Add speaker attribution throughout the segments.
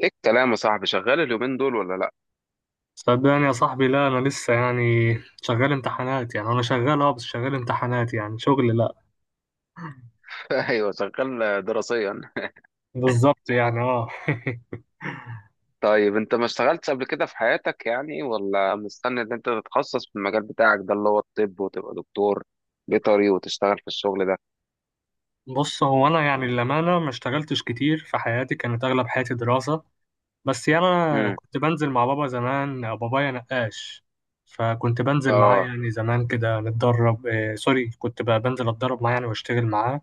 Speaker 1: ايه الكلام يا صاحبي؟ شغال اليومين دول ولا لا؟
Speaker 2: صدقني يا صاحبي، لا، انا لسه يعني شغال امتحانات. يعني انا شغال، اه، بس شغال امتحانات. يعني شغل لا.
Speaker 1: ايوه، شغال دراسيا.
Speaker 2: بالظبط يعني. اه.
Speaker 1: طيب انت ما اشتغلتش قبل كده في حياتك يعني، ولا مستني ان انت تتخصص في المجال بتاعك ده اللي هو الطب وتبقى دكتور بيطري وتشتغل في الشغل ده؟
Speaker 2: بص، هو انا يعني للامانه ما اشتغلتش كتير في حياتي. كانت اغلب حياتي دراسه. بس يعني انا
Speaker 1: امم.
Speaker 2: كنت بنزل مع بابا زمان. بابايا نقاش، فكنت بنزل معاه
Speaker 1: اه.
Speaker 2: يعني. زمان كده نتدرب، آه سوري، كنت بقى بنزل اتدرب معاه يعني واشتغل معاه.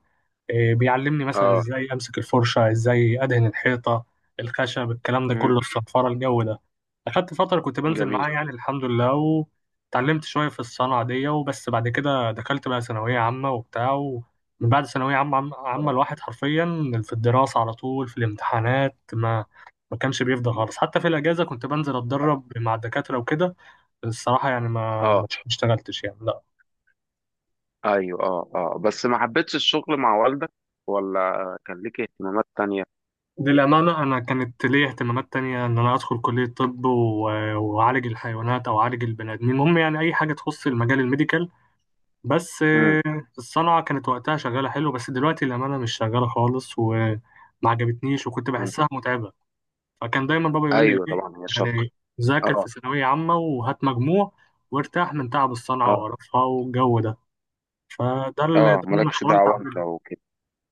Speaker 2: بيعلمني مثلا
Speaker 1: اه.
Speaker 2: ازاي امسك الفرشه، ازاي ادهن الحيطه، الخشب، الكلام ده كله،
Speaker 1: امم.
Speaker 2: الصنفره، الجو ده. اخدت فتره كنت بنزل
Speaker 1: جميل.
Speaker 2: معاه يعني، الحمد لله، وتعلمت شويه في الصنعه دي. وبس بعد كده دخلت بقى ثانويه عامه وبتاع. ومن بعد ثانويه عامه عامه
Speaker 1: اه.
Speaker 2: الواحد حرفيا في الدراسه على طول. في الامتحانات ما كانش بيفضى
Speaker 1: مم.
Speaker 2: خالص. حتى في الاجازه كنت بنزل اتدرب مع الدكاتره وكده. الصراحه يعني ما
Speaker 1: اه،
Speaker 2: ما اشتغلتش يعني. لا.
Speaker 1: ايوه. اه، اه، بس ما حبيتش الشغل مع والدك، ولا كان ليك اهتمامات تانية؟
Speaker 2: للأمانة أنا كانت ليا اهتمامات تانية إن أنا أدخل كلية طب وأعالج الحيوانات أو أعالج البني آدمين. المهم يعني أي حاجة تخص المجال الميديكال بس.
Speaker 1: امم.
Speaker 2: الصنعة كانت وقتها شغالة حلو، بس دلوقتي للأمانة مش شغالة خالص، وما عجبتنيش وكنت
Speaker 1: امم.
Speaker 2: بحسها متعبة. فكان دايما بابا يقول لي
Speaker 1: ايوه
Speaker 2: إيه
Speaker 1: طبعا، هي شق.
Speaker 2: يعني، ذاكر
Speaker 1: اه.
Speaker 2: في ثانوية عامة وهات مجموع وارتاح من تعب الصنعة
Speaker 1: اه.
Speaker 2: وقرفها والجو ده. فده اللي ده
Speaker 1: اه،
Speaker 2: اللي أنا
Speaker 1: مالكش
Speaker 2: حاولت
Speaker 1: دعوة انت.
Speaker 2: أعمله.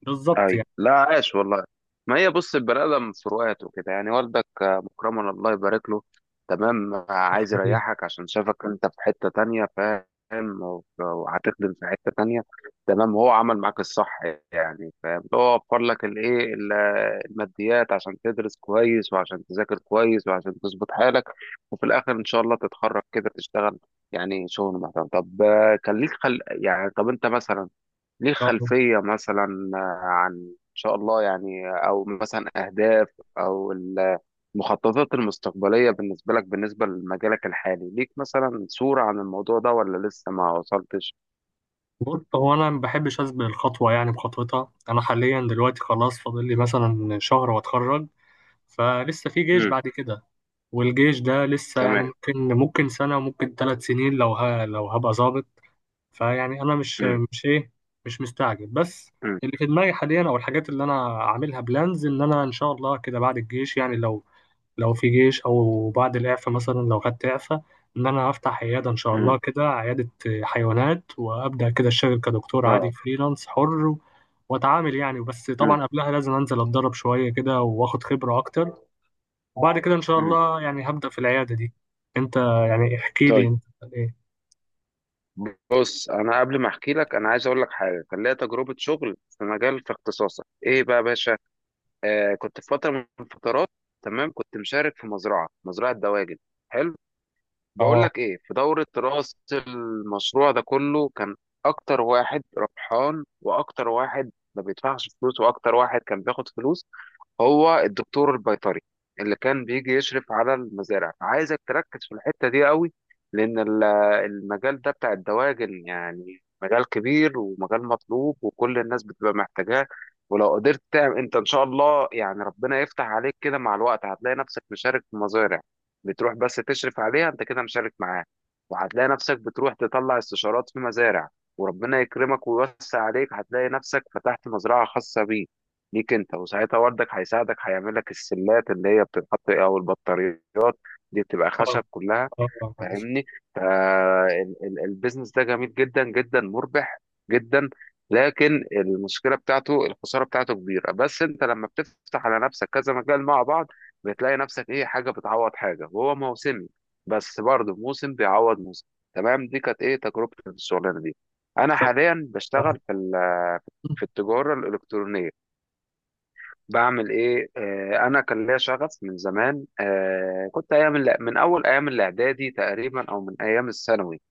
Speaker 2: بالظبط
Speaker 1: ايوه،
Speaker 2: يعني.
Speaker 1: لا، عاش والله. ما هي بص، البني ادم فروقات وكده يعني. والدك مكرما، الله يبارك له. تمام. عايز يريحك عشان شافك انت في حته تانية، فاهم، وهتخدم في حته تانية. تمام، هو عمل معاك الصح يعني، فاهم. هو وفر لك الايه الماديات عشان تدرس كويس، وعشان تذاكر كويس، وعشان تظبط حالك، وفي الاخر ان شاء الله تتخرج كده تشتغل يعني شغل محترم. طب كان ليك يعني طب انت مثلا ليه خلفية مثلا عن إن شاء الله يعني، أو مثلا أهداف، أو المخططات المستقبلية بالنسبة لك، بالنسبة لمجالك الحالي، ليك مثلا صورة عن الموضوع ده ولا لسه ما وصلتش؟
Speaker 2: بص، هو انا ما بحبش اسبق الخطوه، يعني بخطوتها. انا حاليا دلوقتي خلاص فاضل لي مثلا شهر واتخرج، فلسه في جيش
Speaker 1: امم.
Speaker 2: بعد كده. والجيش ده لسه يعني،
Speaker 1: تمام.
Speaker 2: ممكن سنه وممكن 3 سنين، لو لو هبقى ظابط. فيعني انا
Speaker 1: امم.
Speaker 2: مش ايه مش مستعجل بس.
Speaker 1: امم.
Speaker 2: اللي في دماغي حاليا او الحاجات اللي انا عاملها بلانز، ان انا ان شاء الله كده بعد الجيش يعني، لو في جيش، او بعد الاعفاء مثلا لو خدت اعفاء، ان انا افتح عياده ان شاء
Speaker 1: امم.
Speaker 2: الله، كده عياده حيوانات، وابدا كده اشتغل كدكتور عادي
Speaker 1: اه.
Speaker 2: فريلانس حر. واتعامل يعني. بس
Speaker 1: امم.
Speaker 2: طبعا قبلها لازم انزل اتدرب شويه كده واخد خبره اكتر. وبعد كده ان شاء
Speaker 1: امم.
Speaker 2: الله يعني هبدا في العياده دي. انت، يعني احكي لي
Speaker 1: طيب
Speaker 2: انت. ايه.
Speaker 1: بص، أنا قبل ما أحكي لك أنا عايز أقول لك حاجة. كان ليا تجربة شغل في مجال في اختصاصك، إيه بقى يا باشا؟ آه، كنت في فترة من الفترات. تمام. كنت مشارك في مزرعة دواجن. حلو. بقول
Speaker 2: اه.
Speaker 1: لك ايه، في دورة رأس المشروع ده كله كان اكتر واحد ربحان، واكتر واحد ما بيدفعش فلوس، واكتر واحد كان بياخد فلوس هو الدكتور البيطري اللي كان بيجي يشرف على المزارع. فعايزك تركز في الحتة دي قوي، لأن المجال ده بتاع الدواجن يعني مجال كبير ومجال مطلوب وكل الناس بتبقى محتاجاه. ولو قدرت تعمل انت ان شاء الله يعني، ربنا يفتح عليك كده مع الوقت هتلاقي نفسك مشارك في مزارع، بتروح بس تشرف عليها انت كده، مشارك معاه، وهتلاقي نفسك بتروح تطلع استشارات في مزارع، وربنا يكرمك ويوسع عليك هتلاقي نفسك فتحت مزرعة خاصة بيك، ليك انت. وساعتها وردك هيساعدك، هيعمل لك السلات اللي هي بتتحط او البطاريات دي بتبقى
Speaker 2: اه.
Speaker 1: خشب كلها،
Speaker 2: اه. آه، معلش.
Speaker 1: فاهمني. فالبيزنس ده جميل جدا، جدا مربح جدا. لكن المشكله بتاعته الخساره بتاعته كبيره، بس انت لما بتفتح على نفسك كذا مجال مع بعض، بتلاقي نفسك ايه، حاجه بتعوض حاجه، وهو موسمي بس برضه موسم بيعوض موسم. تمام، دي كانت ايه تجربه الشغلانه دي. انا حاليا
Speaker 2: آه.
Speaker 1: بشتغل في في التجاره الالكترونيه. بعمل ايه، انا كان ليا شغف من زمان. كنت ايام من اول ايام الاعدادي تقريبا او من ايام الثانوي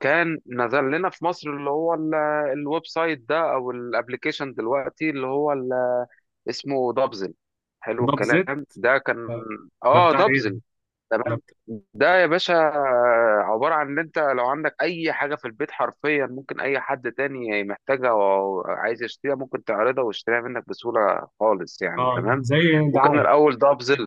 Speaker 1: كان نزل لنا في مصر اللي هو الويب سايت ده، او الابليكيشن دلوقتي، اللي هو اسمه دبزل. حلو
Speaker 2: ده بزيت.
Speaker 1: الكلام ده كان.
Speaker 2: آه. ده
Speaker 1: اه،
Speaker 2: بتاع ايه؟
Speaker 1: دبزل.
Speaker 2: ده
Speaker 1: تمام.
Speaker 2: بتاع...
Speaker 1: ده يا باشا عبارة عن ان انت لو عندك اي حاجة في البيت حرفيا ممكن اي حد تاني محتاجها او عايز يشتريها، ممكن تعرضها ويشتريها منك بسهولة خالص يعني،
Speaker 2: اه،
Speaker 1: تمام.
Speaker 2: زي
Speaker 1: وكان
Speaker 2: دعايه.
Speaker 1: الاول دافزل.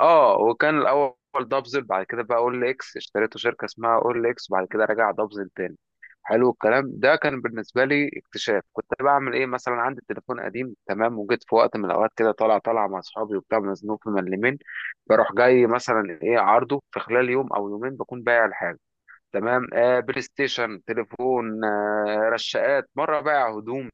Speaker 1: اه، وكان الاول دافزل، بعد كده بقى اول اكس، اشتريته شركة اسمها اول اكس، بعد كده رجع دافزل تاني. حلو الكلام ده كان بالنسبة لي اكتشاف. كنت بعمل ايه، مثلا عندي تليفون قديم، تمام، وجيت في وقت من الاوقات كده طالع طالع مع اصحابي وبتاع، مزنوق في ملمين، بروح جاي مثلا ايه عرضه، في خلال يوم او يومين بكون بايع الحاجه. تمام. بلاي ستيشن، تليفون، رشاقات، مره بايع هدوم.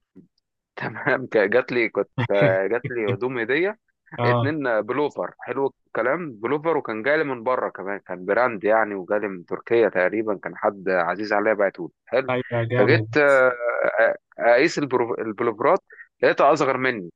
Speaker 1: تمام. جات لي، كنت جات لي هدوم هديه،
Speaker 2: اه.
Speaker 1: اتنين بلوفر. حلو الكلام. بلوفر وكان جالي من بره كمان، كان براند يعني، وجالي من تركيا تقريبا، كان حد عزيز عليا بعته لي. حلو.
Speaker 2: ايوه
Speaker 1: فجيت
Speaker 2: جامد.
Speaker 1: اقيس البلوفرات، لقيتها اصغر مني.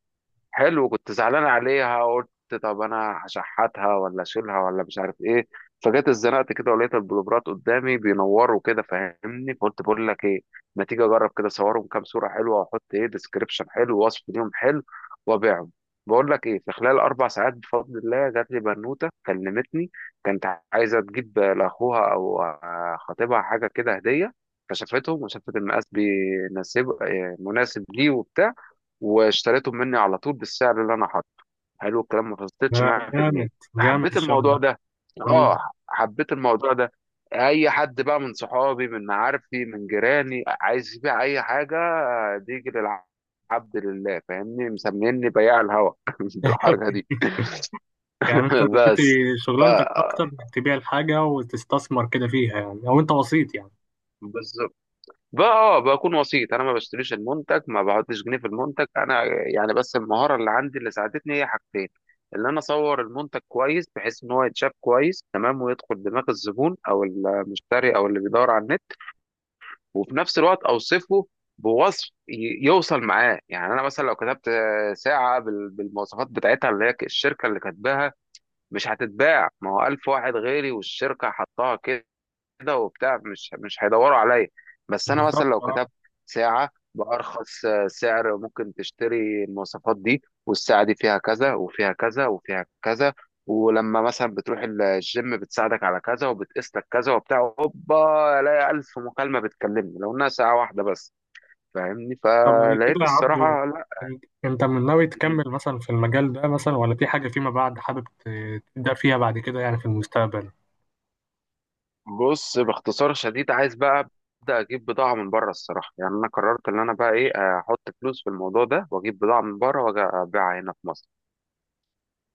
Speaker 1: حلو. كنت زعلان عليها، قلت طب انا هشحتها ولا اشيلها ولا مش عارف ايه. فجيت اتزنقت كده، ولقيت البلوبرات قدامي بينوروا كده، فاهمني. فقلت بقول لك ايه، ما تيجي اجرب كده اصورهم كام صوره حلوه، واحط ايه ديسكريبشن حلو ووصف ليهم حلو، وابيعهم. بقول لك ايه، في خلال 4 ساعات بفضل الله جات لي بنوته كلمتني، كانت عايزه تجيب لاخوها او خطيبها حاجه كده هديه، فشافتهم وشافت المقاس بيناسب مناسب ليه وبتاع، واشتريتهم مني على طول بالسعر اللي انا حاطه. حلو الكلام، ما فصلتش
Speaker 2: آه،
Speaker 1: معايا في جنيه.
Speaker 2: جامد. جامد
Speaker 1: فحبيت
Speaker 2: الشغل
Speaker 1: الموضوع
Speaker 2: ده.
Speaker 1: ده.
Speaker 2: مم.
Speaker 1: اه، حبيت الموضوع ده. اي حد بقى من صحابي من معارفي من جيراني عايز يبيع اي حاجه، بيجي للعبد لله، فاهمني، مسميني بياع الهوا بالحركه دي.
Speaker 2: يعني انت دلوقتي
Speaker 1: بس. ف
Speaker 2: شغلانتك اكتر انك تبيع الحاجه وتستثمر كده فيها يعني، او انت وسيط يعني؟
Speaker 1: بقى، بكون وسيط، انا ما بشتريش المنتج، ما بحطش جنيه في المنتج انا يعني. بس المهاره اللي عندي اللي ساعدتني هي حاجتين، اللي انا اصور المنتج كويس بحيث ان هو يتشاف كويس، تمام، ويدخل دماغ الزبون او المشتري او اللي بيدور على النت، وفي نفس الوقت اوصفه. بوصف يوصل معاه يعني. انا مثلا لو كتبت ساعه بالمواصفات بتاعتها اللي هي الشركه اللي كاتباها، مش هتتباع، ما هو 1000 واحد غيري والشركه حطها كده، كده وبتاع، مش هيدوروا عليا. بس انا
Speaker 2: بالظبط
Speaker 1: مثلا لو
Speaker 2: آه.
Speaker 1: كتبت ساعة بأرخص سعر ممكن تشتري المواصفات دي، والساعة دي فيها كذا وفيها كذا وفيها كذا، ولما مثلا بتروح الجيم بتساعدك على كذا وبتقيس لك كذا وبتاع، هوبا الاقي 1000 مكالمة بتكلمني لو انها ساعة واحدة بس، فاهمني.
Speaker 2: طب على كده
Speaker 1: فلقيت
Speaker 2: يا عبدو،
Speaker 1: الصراحة.
Speaker 2: انت من ناوي
Speaker 1: لا.
Speaker 2: تكمل مثلا في المجال ده مثلا، ولا في حاجه فيما بعد حابب تبدا فيها بعد كده يعني في المستقبل؟
Speaker 1: بص، باختصار شديد، عايز بقى ابدا اجيب بضاعه من بره الصراحه يعني. انا قررت ان انا بقى ايه، احط فلوس في الموضوع ده واجيب بضاعه من بره واجي ابيعها هنا في مصر.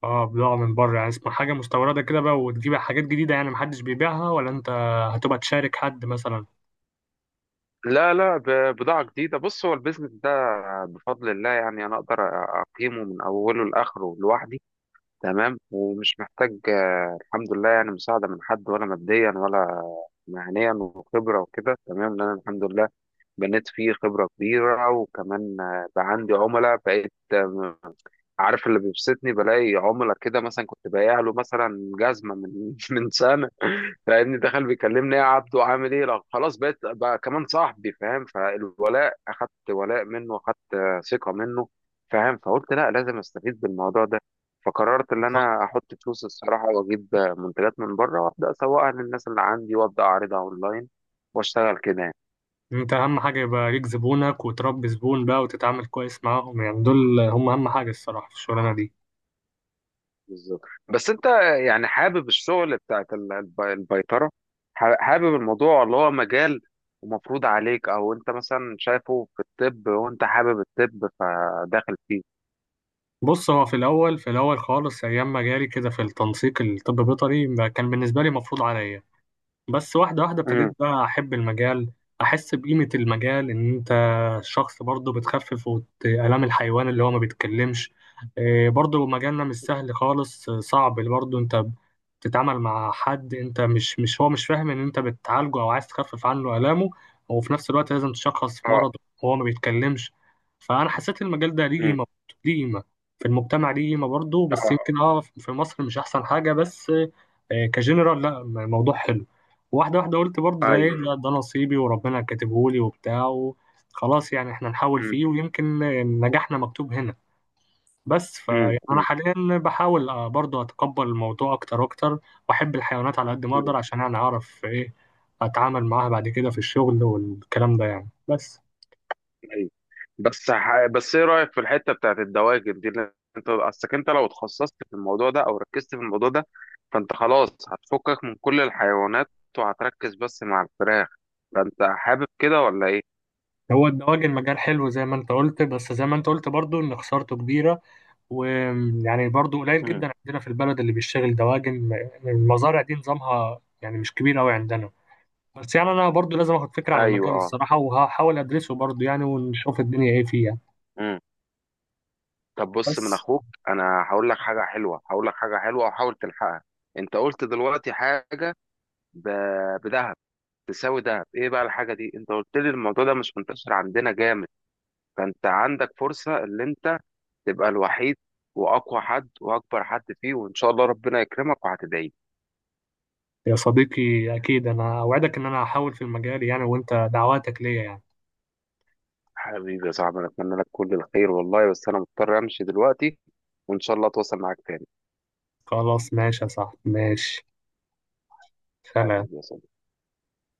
Speaker 2: اه، بضاعه من بره، يعني اسمها حاجه مستورده كده بقى وتجيب حاجات جديده يعني محدش بيبيعها، ولا انت هتبقى تشارك حد مثلا؟
Speaker 1: لا، لا، بضاعه جديده. بص، هو البيزنس ده بفضل الله يعني، انا اقدر اقيمه من اوله لاخره لوحدي، تمام، ومش محتاج الحمد لله يعني، مساعده من حد، ولا ماديا، ولا مهنيا، وخبره وكده، تمام. لان أنا الحمد لله بنيت فيه خبرة كبيرة، وكمان بقى عندي عملاء، بقيت عارف. اللي بيبسطني بلاقي عملاء كده مثلا كنت بايع له مثلا جزمة من من سنة، فاهمني، دخل بيكلمني إيه يا عبدو عامل ايه، لا خلاص بقيت بقى كمان صاحبي، فاهم، فالولاء اخدت، ولاء منه اخدت ثقة منه، فاهم. فقلت لا لازم استفيد بالموضوع ده، فقررت ان انا احط فلوس الصراحة، واجيب منتجات من بره، وابدا اسوقها للناس اللي عندي، وابدا اعرضها اونلاين، واشتغل كده.
Speaker 2: انت اهم حاجه يبقى ليك زبونك، وتربي زبون بقى وتتعامل كويس معاهم. يعني دول هم اهم حاجه الصراحه في الشغلانه دي.
Speaker 1: بالظبط. بس انت يعني حابب الشغل بتاعت البيطرة، حابب الموضوع اللي هو مجال ومفروض عليك، او انت مثلا شايفه في الطب وانت حابب الطب فداخل فيه؟
Speaker 2: بص، هو في الاول، في الاول خالص، ايام ما جالي كده في التنسيق الطب بيطري، ما كان بالنسبه لي مفروض عليا. بس واحدة واحدة
Speaker 1: امم.
Speaker 2: ابتديت بقى أحب المجال، أحس بقيمة المجال، إن أنت شخص برضه بتخفف آلام الحيوان اللي هو ما بيتكلمش. برضه مجالنا مش سهل خالص. صعب برضه. أنت بتتعامل مع حد، أنت مش مش هو مش فاهم إن أنت بتعالجه أو عايز تخفف عنه آلامه، وفي نفس الوقت لازم تشخص
Speaker 1: اه.
Speaker 2: مرض وهو ما بيتكلمش. فأنا حسيت المجال ده ليه
Speaker 1: امم.
Speaker 2: قيمة، ليه قيمة في المجتمع، ليه قيمة برضه. بس يمكن
Speaker 1: اه.
Speaker 2: في مصر مش أحسن حاجة. بس كجنرال لا الموضوع حلو. واحدة واحدة قلت برضه ده ايه
Speaker 1: ايوه.
Speaker 2: ده، ده نصيبي وربنا كاتبهولي وبتاع خلاص يعني احنا نحاول
Speaker 1: امم.
Speaker 2: فيه، ويمكن نجاحنا مكتوب هنا بس. فيعني انا
Speaker 1: امم.
Speaker 2: حاليا بحاول، برضه اتقبل الموضوع اكتر واكتر، واحب الحيوانات على قد ما
Speaker 1: امم.
Speaker 2: اقدر عشان يعني اعرف ايه، اتعامل معاها بعد كده في الشغل والكلام ده يعني. بس
Speaker 1: ايوه. بس ايه رايك في الحته بتاعت الدواجن دي، اللي انت اصلك، انت لو اتخصصت في الموضوع ده او ركزت في الموضوع ده فانت خلاص هتفكك من كل الحيوانات، وهتركز بس مع الفراخ. فانت حابب كده ولا ايه؟
Speaker 2: هو الدواجن مجال حلو زي ما انت قلت، بس زي ما انت قلت برضه ان خسارته كبيرة. ويعني برضه قليل
Speaker 1: امم.
Speaker 2: جدا عندنا في البلد اللي بيشتغل دواجن. المزارع دي نظامها يعني مش كبير قوي عندنا. بس يعني انا برضو لازم اخد فكره عن
Speaker 1: ايوه.
Speaker 2: المجال
Speaker 1: اه.
Speaker 2: الصراحه، وهحاول ادرسه برضو يعني ونشوف الدنيا ايه فيه يعني.
Speaker 1: امم. طب بص، من
Speaker 2: بس
Speaker 1: اخوك انا هقول لك حاجه حلوه، هقول لك حاجه حلوه وحاول تلحقها. انت قلت دلوقتي حاجه ب... بدهب، تساوي دهب، ايه بقى الحاجه دي؟ انت قلت لي الموضوع ده مش منتشر عندنا جامد، فانت عندك فرصه اللي انت تبقى الوحيد واقوى حد واكبر حد فيه، وان شاء الله ربنا يكرمك وهتدعي لي.
Speaker 2: يا صديقي، اكيد انا اوعدك ان انا هحاول في المجال يعني، وانت دعواتك ليا يعني.
Speaker 1: حبيبي يا صاحبي، انا اتمنى لك كل الخير والله، بس انا مضطر امشي دلوقتي، وان شاء الله اتواصل معاك تاني.
Speaker 2: خلاص ماشي يا صاحبي. ماشي. سلام.
Speaker 1: حبيبي يا صاحبي.